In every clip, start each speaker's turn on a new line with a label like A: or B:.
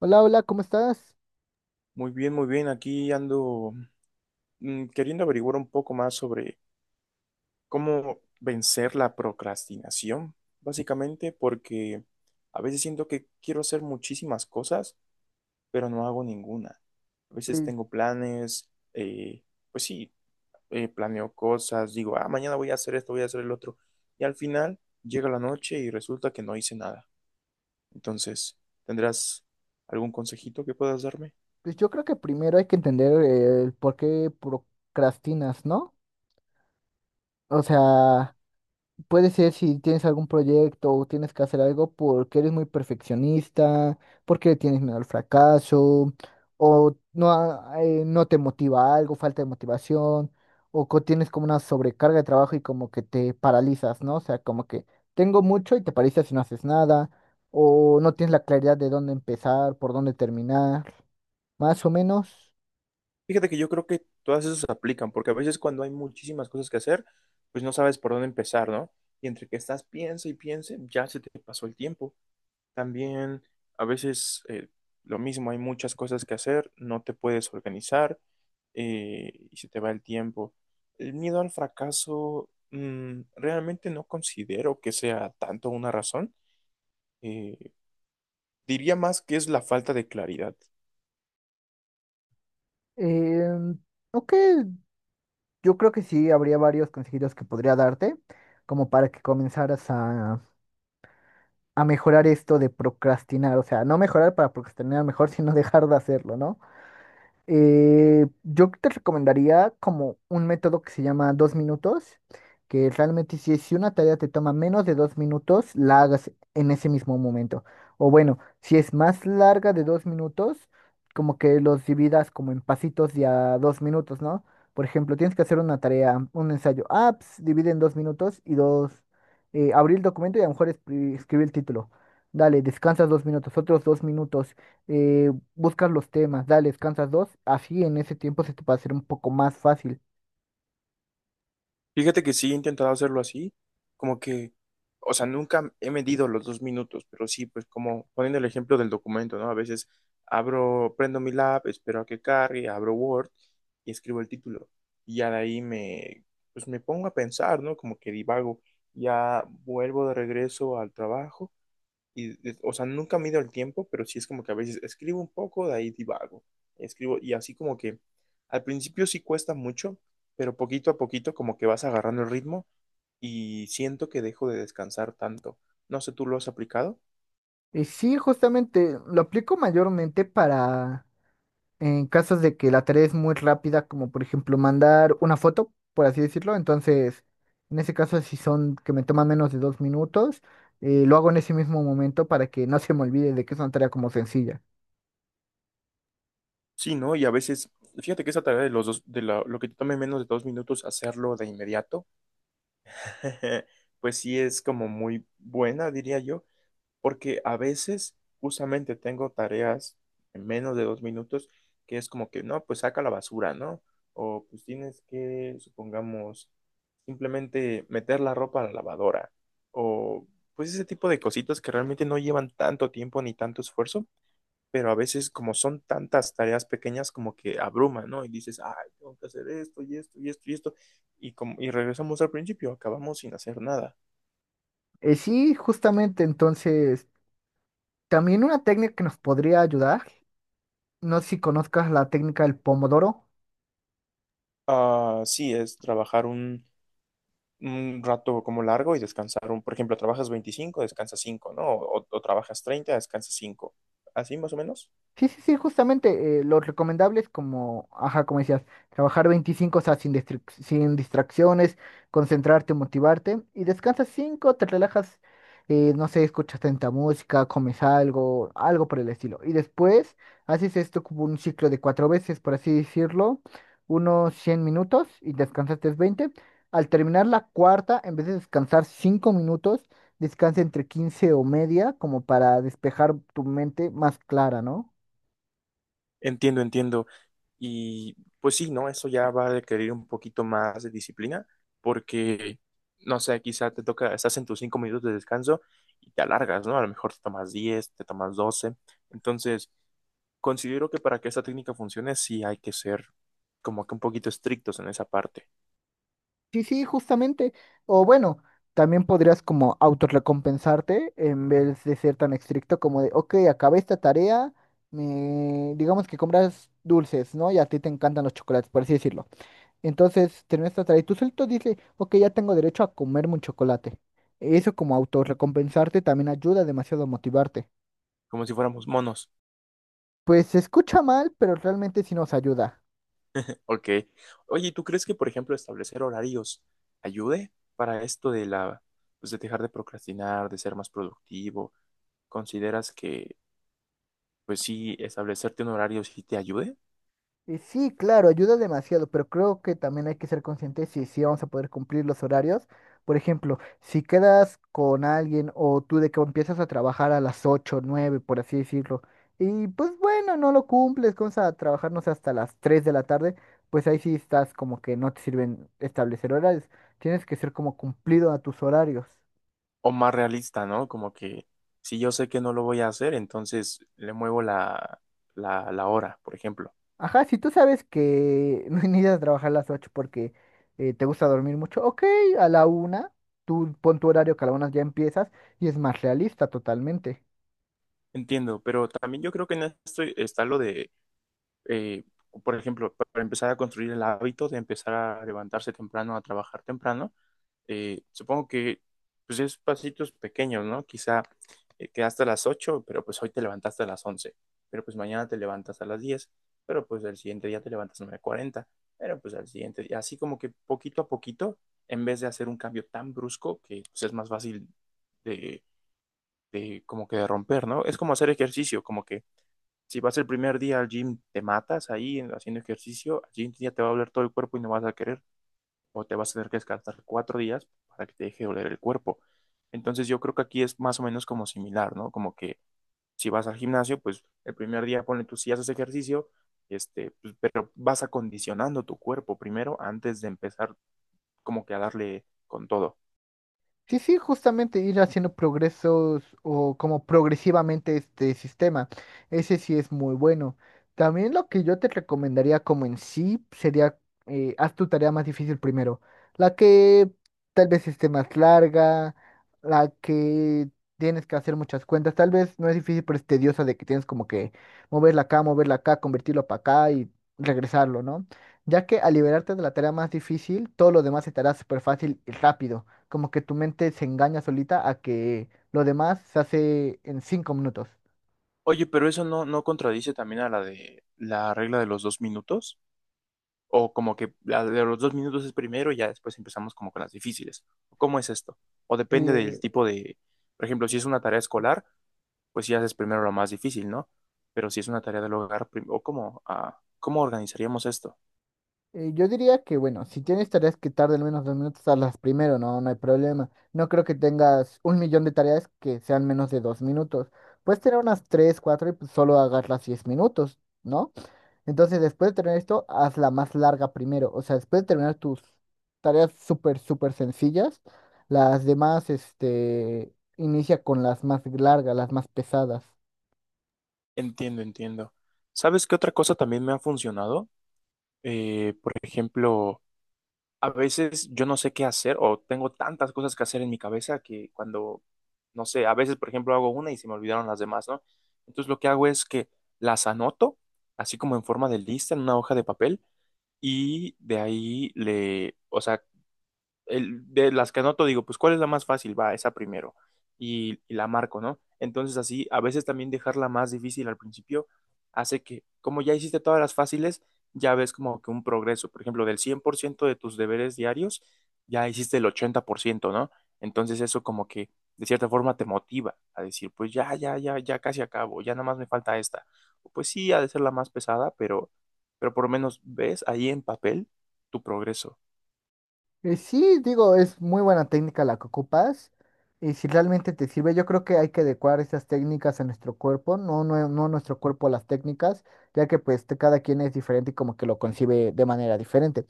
A: Hola, hola, ¿cómo estás?
B: Muy bien, muy bien. Aquí ando queriendo averiguar un poco más sobre cómo vencer la procrastinación, básicamente, porque a veces siento que quiero hacer muchísimas cosas, pero no hago ninguna. A veces
A: Pues,
B: tengo planes, eh, pues sí, planeo cosas, digo, ah, mañana voy a hacer esto, voy a hacer el otro, y al final llega la noche y resulta que no hice nada. Entonces, ¿tendrás algún consejito que puedas darme?
A: pues, yo creo que primero hay que entender el por qué procrastinas, ¿no? O sea, puede ser si tienes algún proyecto o tienes que hacer algo porque eres muy perfeccionista, porque le tienes miedo al fracaso, o no, no te motiva algo, falta de motivación, o tienes como una sobrecarga de trabajo y como que te paralizas, ¿no? O sea, como que tengo mucho y te paralizas y no haces nada, o no tienes la claridad de dónde empezar, por dónde terminar. Más o menos.
B: Fíjate que yo creo que todas esas aplican, porque a veces cuando hay muchísimas cosas que hacer, pues no sabes por dónde empezar, ¿no? Y entre que estás piense y piense, ya se te pasó el tiempo. También a veces lo mismo, hay muchas cosas que hacer, no te puedes organizar y se te va el tiempo. El miedo al fracaso, realmente no considero que sea tanto una razón. Eh, diría más que es la falta de claridad.
A: eh, ok, yo creo que sí, habría varios consejitos que podría darte, como para que comenzaras a mejorar esto de procrastinar. O sea, no mejorar para procrastinar mejor, sino dejar de hacerlo, ¿no? Yo te recomendaría como un método que se llama 2 minutos, que realmente si una tarea te toma menos de 2 minutos, la hagas en ese mismo momento. O bueno, si es más larga de 2 minutos, como que los dividas como en pasitos de a 2 minutos, ¿no? Por ejemplo, tienes que hacer una tarea, un ensayo. Ah, pues, divide en 2 minutos y dos, abrir el documento y a lo mejor escribir el título. Dale, descansas 2 minutos, otros 2 minutos. Eh, Buscas los temas, dale, descansas dos, así en ese tiempo se te va a hacer un poco más fácil.
B: Fíjate que sí he intentado hacerlo así, como que, o sea, nunca he medido los 2 minutos, pero sí, pues como poniendo el ejemplo del documento, ¿no? A veces abro, prendo mi lab, espero a que cargue, abro Word y escribo el título. Y ya de ahí me, pues me pongo a pensar, ¿no? Como que divago, ya vuelvo de regreso al trabajo y, o sea, nunca mido el tiempo, pero sí es como que a veces escribo un poco, de ahí divago. Escribo y así como que al principio sí cuesta mucho, pero poquito a poquito como que vas agarrando el ritmo y siento que dejo de descansar tanto. No sé, ¿tú lo has aplicado?
A: Y sí, justamente lo aplico mayormente para en casos de que la tarea es muy rápida, como por ejemplo mandar una foto, por así decirlo. Entonces, en ese caso, si son que me toman menos de 2 minutos, lo hago en ese mismo momento para que no se me olvide de que es una tarea como sencilla.
B: Sí, ¿no? Y a veces, fíjate que esa tarea de los dos, lo que te tome menos de 2 minutos, hacerlo de inmediato, pues sí es como muy buena, diría yo, porque a veces justamente tengo tareas en menos de 2 minutos que es como que, no, pues saca la basura, ¿no? O pues tienes que, supongamos, simplemente meter la ropa a la lavadora. O pues ese tipo de cositas que realmente no llevan tanto tiempo ni tanto esfuerzo, pero a veces como son tantas tareas pequeñas como que abruman, ¿no? Y dices, ay, tengo que hacer esto y esto y esto y esto. Y, como, y regresamos al principio, acabamos sin hacer nada.
A: Sí, justamente, entonces, también una técnica que nos podría ayudar, no sé si conozcas la técnica del pomodoro.
B: Ah, sí, es trabajar un rato como largo y descansar un, por ejemplo, trabajas 25, descansas 5, ¿no? O trabajas 30, descansas 5. Así más o menos.
A: Sí, sí, sí, justamente lo recomendable es como, ajá, como decías, trabajar 25, o sea, sin distracciones, concentrarte, motivarte y descansas 5, te relajas, no sé, escuchas tanta música, comes algo, algo por el estilo. Y después haces esto como un ciclo de cuatro veces, por así decirlo, unos 100 minutos y descansaste 20. Al terminar la cuarta, en vez de descansar 5 minutos, descansa entre 15 o media como para despejar tu mente más clara, ¿no?
B: Entiendo, entiendo. Y pues sí, ¿no? Eso ya va a requerir un poquito más de disciplina porque, no sé, quizá te toca, estás en tus 5 minutos de descanso y te alargas, ¿no? A lo mejor te tomas 10, te tomas 12. Entonces, considero que para que esta técnica funcione sí hay que ser como que un poquito estrictos en esa parte,
A: Sí, sí, justamente. O bueno, también podrías como autorrecompensarte en vez de ser tan estricto como de, ok, acabé esta tarea, digamos que compras dulces, ¿no? Y a ti te encantan los chocolates, por así decirlo. Entonces, terminas esta tarea y tú solito dices, ok, ya tengo derecho a comerme un chocolate. Eso como autorrecompensarte también ayuda demasiado a motivarte.
B: como si fuéramos monos.
A: Pues se escucha mal, pero realmente sí nos ayuda.
B: Ok. Oye, ¿Y tú crees que, por ejemplo, establecer horarios ayude para esto de la, pues de dejar de procrastinar, de ser más productivo? ¿Consideras que, pues sí, establecerte un horario sí te ayude?
A: Y sí, claro, ayuda demasiado, pero creo que también hay que ser conscientes si vamos a poder cumplir los horarios. Por ejemplo, si quedas con alguien o tú de que empiezas a trabajar a las 8, 9, por así decirlo, y pues bueno, no lo cumples, comienzas a trabajar, no sé, hasta las 3 de la tarde, pues ahí sí estás como que no te sirven establecer horarios. Tienes que ser como cumplido a tus horarios.
B: O más realista, ¿no? Como que si yo sé que no lo voy a hacer, entonces le muevo la hora, por ejemplo.
A: Ajá, si tú sabes que no necesitas trabajar a las 8 porque te gusta dormir mucho, ok, a la una, tú pon tu horario que a la una ya empiezas y es más realista totalmente.
B: Entiendo, pero también yo creo que en esto está lo de, eh, por ejemplo, para empezar a construir el hábito de empezar a levantarse temprano, a trabajar temprano, supongo que pues es pasitos pequeños, ¿no? Quizá quedaste a las 8, pero pues hoy te levantaste a las 11, pero pues mañana te levantas a las 10, pero pues el siguiente día te levantas a las 9:40, pero pues al siguiente día, así como que poquito a poquito, en vez de hacer un cambio tan brusco que pues es más fácil de, como que de romper, ¿no? Es como hacer ejercicio, como que si vas el primer día al gym, te matas ahí haciendo ejercicio, al siguiente día te va a doler todo el cuerpo y no vas a querer, o te vas a tener que descansar 4 días para que te deje doler el cuerpo. Entonces yo creo que aquí es más o menos como similar, ¿no? Como que si vas al gimnasio, pues el primer día ponle tú si haces ejercicio, este, pues, pero vas acondicionando tu cuerpo primero antes de empezar como que a darle con todo.
A: Sí, sí, justamente ir haciendo progresos o como progresivamente este sistema. Ese sí es muy bueno. También lo que yo te recomendaría como en sí sería, haz tu tarea más difícil primero. La que tal vez esté más larga, la que tienes que hacer muchas cuentas. Tal vez no es difícil, pero es tediosa de que tienes como que moverla acá, convertirlo para acá y regresarlo, ¿no? Ya que al liberarte de la tarea más difícil, todo lo demás se te estará súper fácil y rápido como que tu mente se engaña solita a que lo demás se hace en 5 minutos.
B: Oye, pero eso no, no contradice también a la de la regla de los 2 minutos, o como que la de los 2 minutos es primero y ya después empezamos como con las difíciles. ¿Cómo es esto? O depende del
A: Eh,
B: tipo de, por ejemplo, si es una tarea escolar, pues sí haces primero lo más difícil, ¿no? Pero si es una tarea del hogar, o cómo, ah, ¿cómo organizaríamos esto?
A: yo diría que, bueno, si tienes tareas que tarden menos de 2 minutos, hazlas primero, no, no hay problema. No creo que tengas un millón de tareas que sean menos de 2 minutos. Puedes tener unas tres, cuatro y pues, solo hagas las 10 minutos, ¿no? Entonces, después de tener esto, haz la más larga primero. O sea, después de terminar tus tareas súper, súper sencillas, las demás, este, inicia con las más largas, las más pesadas.
B: Entiendo, entiendo. ¿Sabes qué otra cosa también me ha funcionado? Por ejemplo, a veces yo no sé qué hacer o tengo tantas cosas que hacer en mi cabeza que cuando, no sé, a veces, por ejemplo, hago una y se me olvidaron las demás, ¿no? Entonces lo que hago es que las anoto, así como en forma de lista, en una hoja de papel, y de ahí le, o sea, de las que anoto digo, pues ¿cuál es la más fácil? Va, esa primero. Y la marco, ¿no? Entonces así, a veces también dejarla más difícil al principio hace que, como ya hiciste todas las fáciles, ya ves como que un progreso. Por ejemplo, del 100% de tus deberes diarios, ya hiciste el 80%, ¿no? Entonces eso como que de cierta forma te motiva a decir, pues ya, ya, ya, ya casi acabo, ya nada más me falta esta. Pues sí, ha de ser la más pesada, pero por lo menos ves ahí en papel tu progreso.
A: Sí, digo, es muy buena técnica la que ocupas y si realmente te sirve, yo creo que hay que adecuar esas técnicas a nuestro cuerpo, no, no, no nuestro cuerpo a las técnicas, ya que pues cada quien es diferente y como que lo concibe de manera diferente.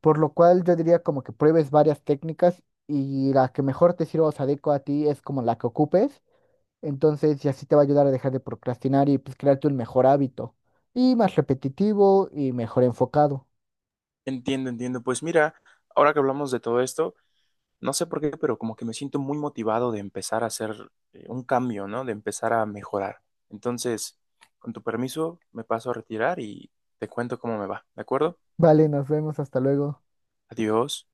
A: Por lo cual yo diría como que pruebes varias técnicas y la que mejor te sirva o se adecua a ti es como la que ocupes. Entonces, y así te va a ayudar a dejar de procrastinar y pues crearte un mejor hábito. Y más repetitivo y mejor enfocado.
B: Entiendo, entiendo. Pues mira, ahora que hablamos de todo esto, no sé por qué, pero como que me siento muy motivado de empezar a hacer un cambio, ¿no? De empezar a mejorar. Entonces, con tu permiso, me paso a retirar y te cuento cómo me va, ¿de acuerdo?
A: Vale, nos vemos, hasta luego.
B: Adiós.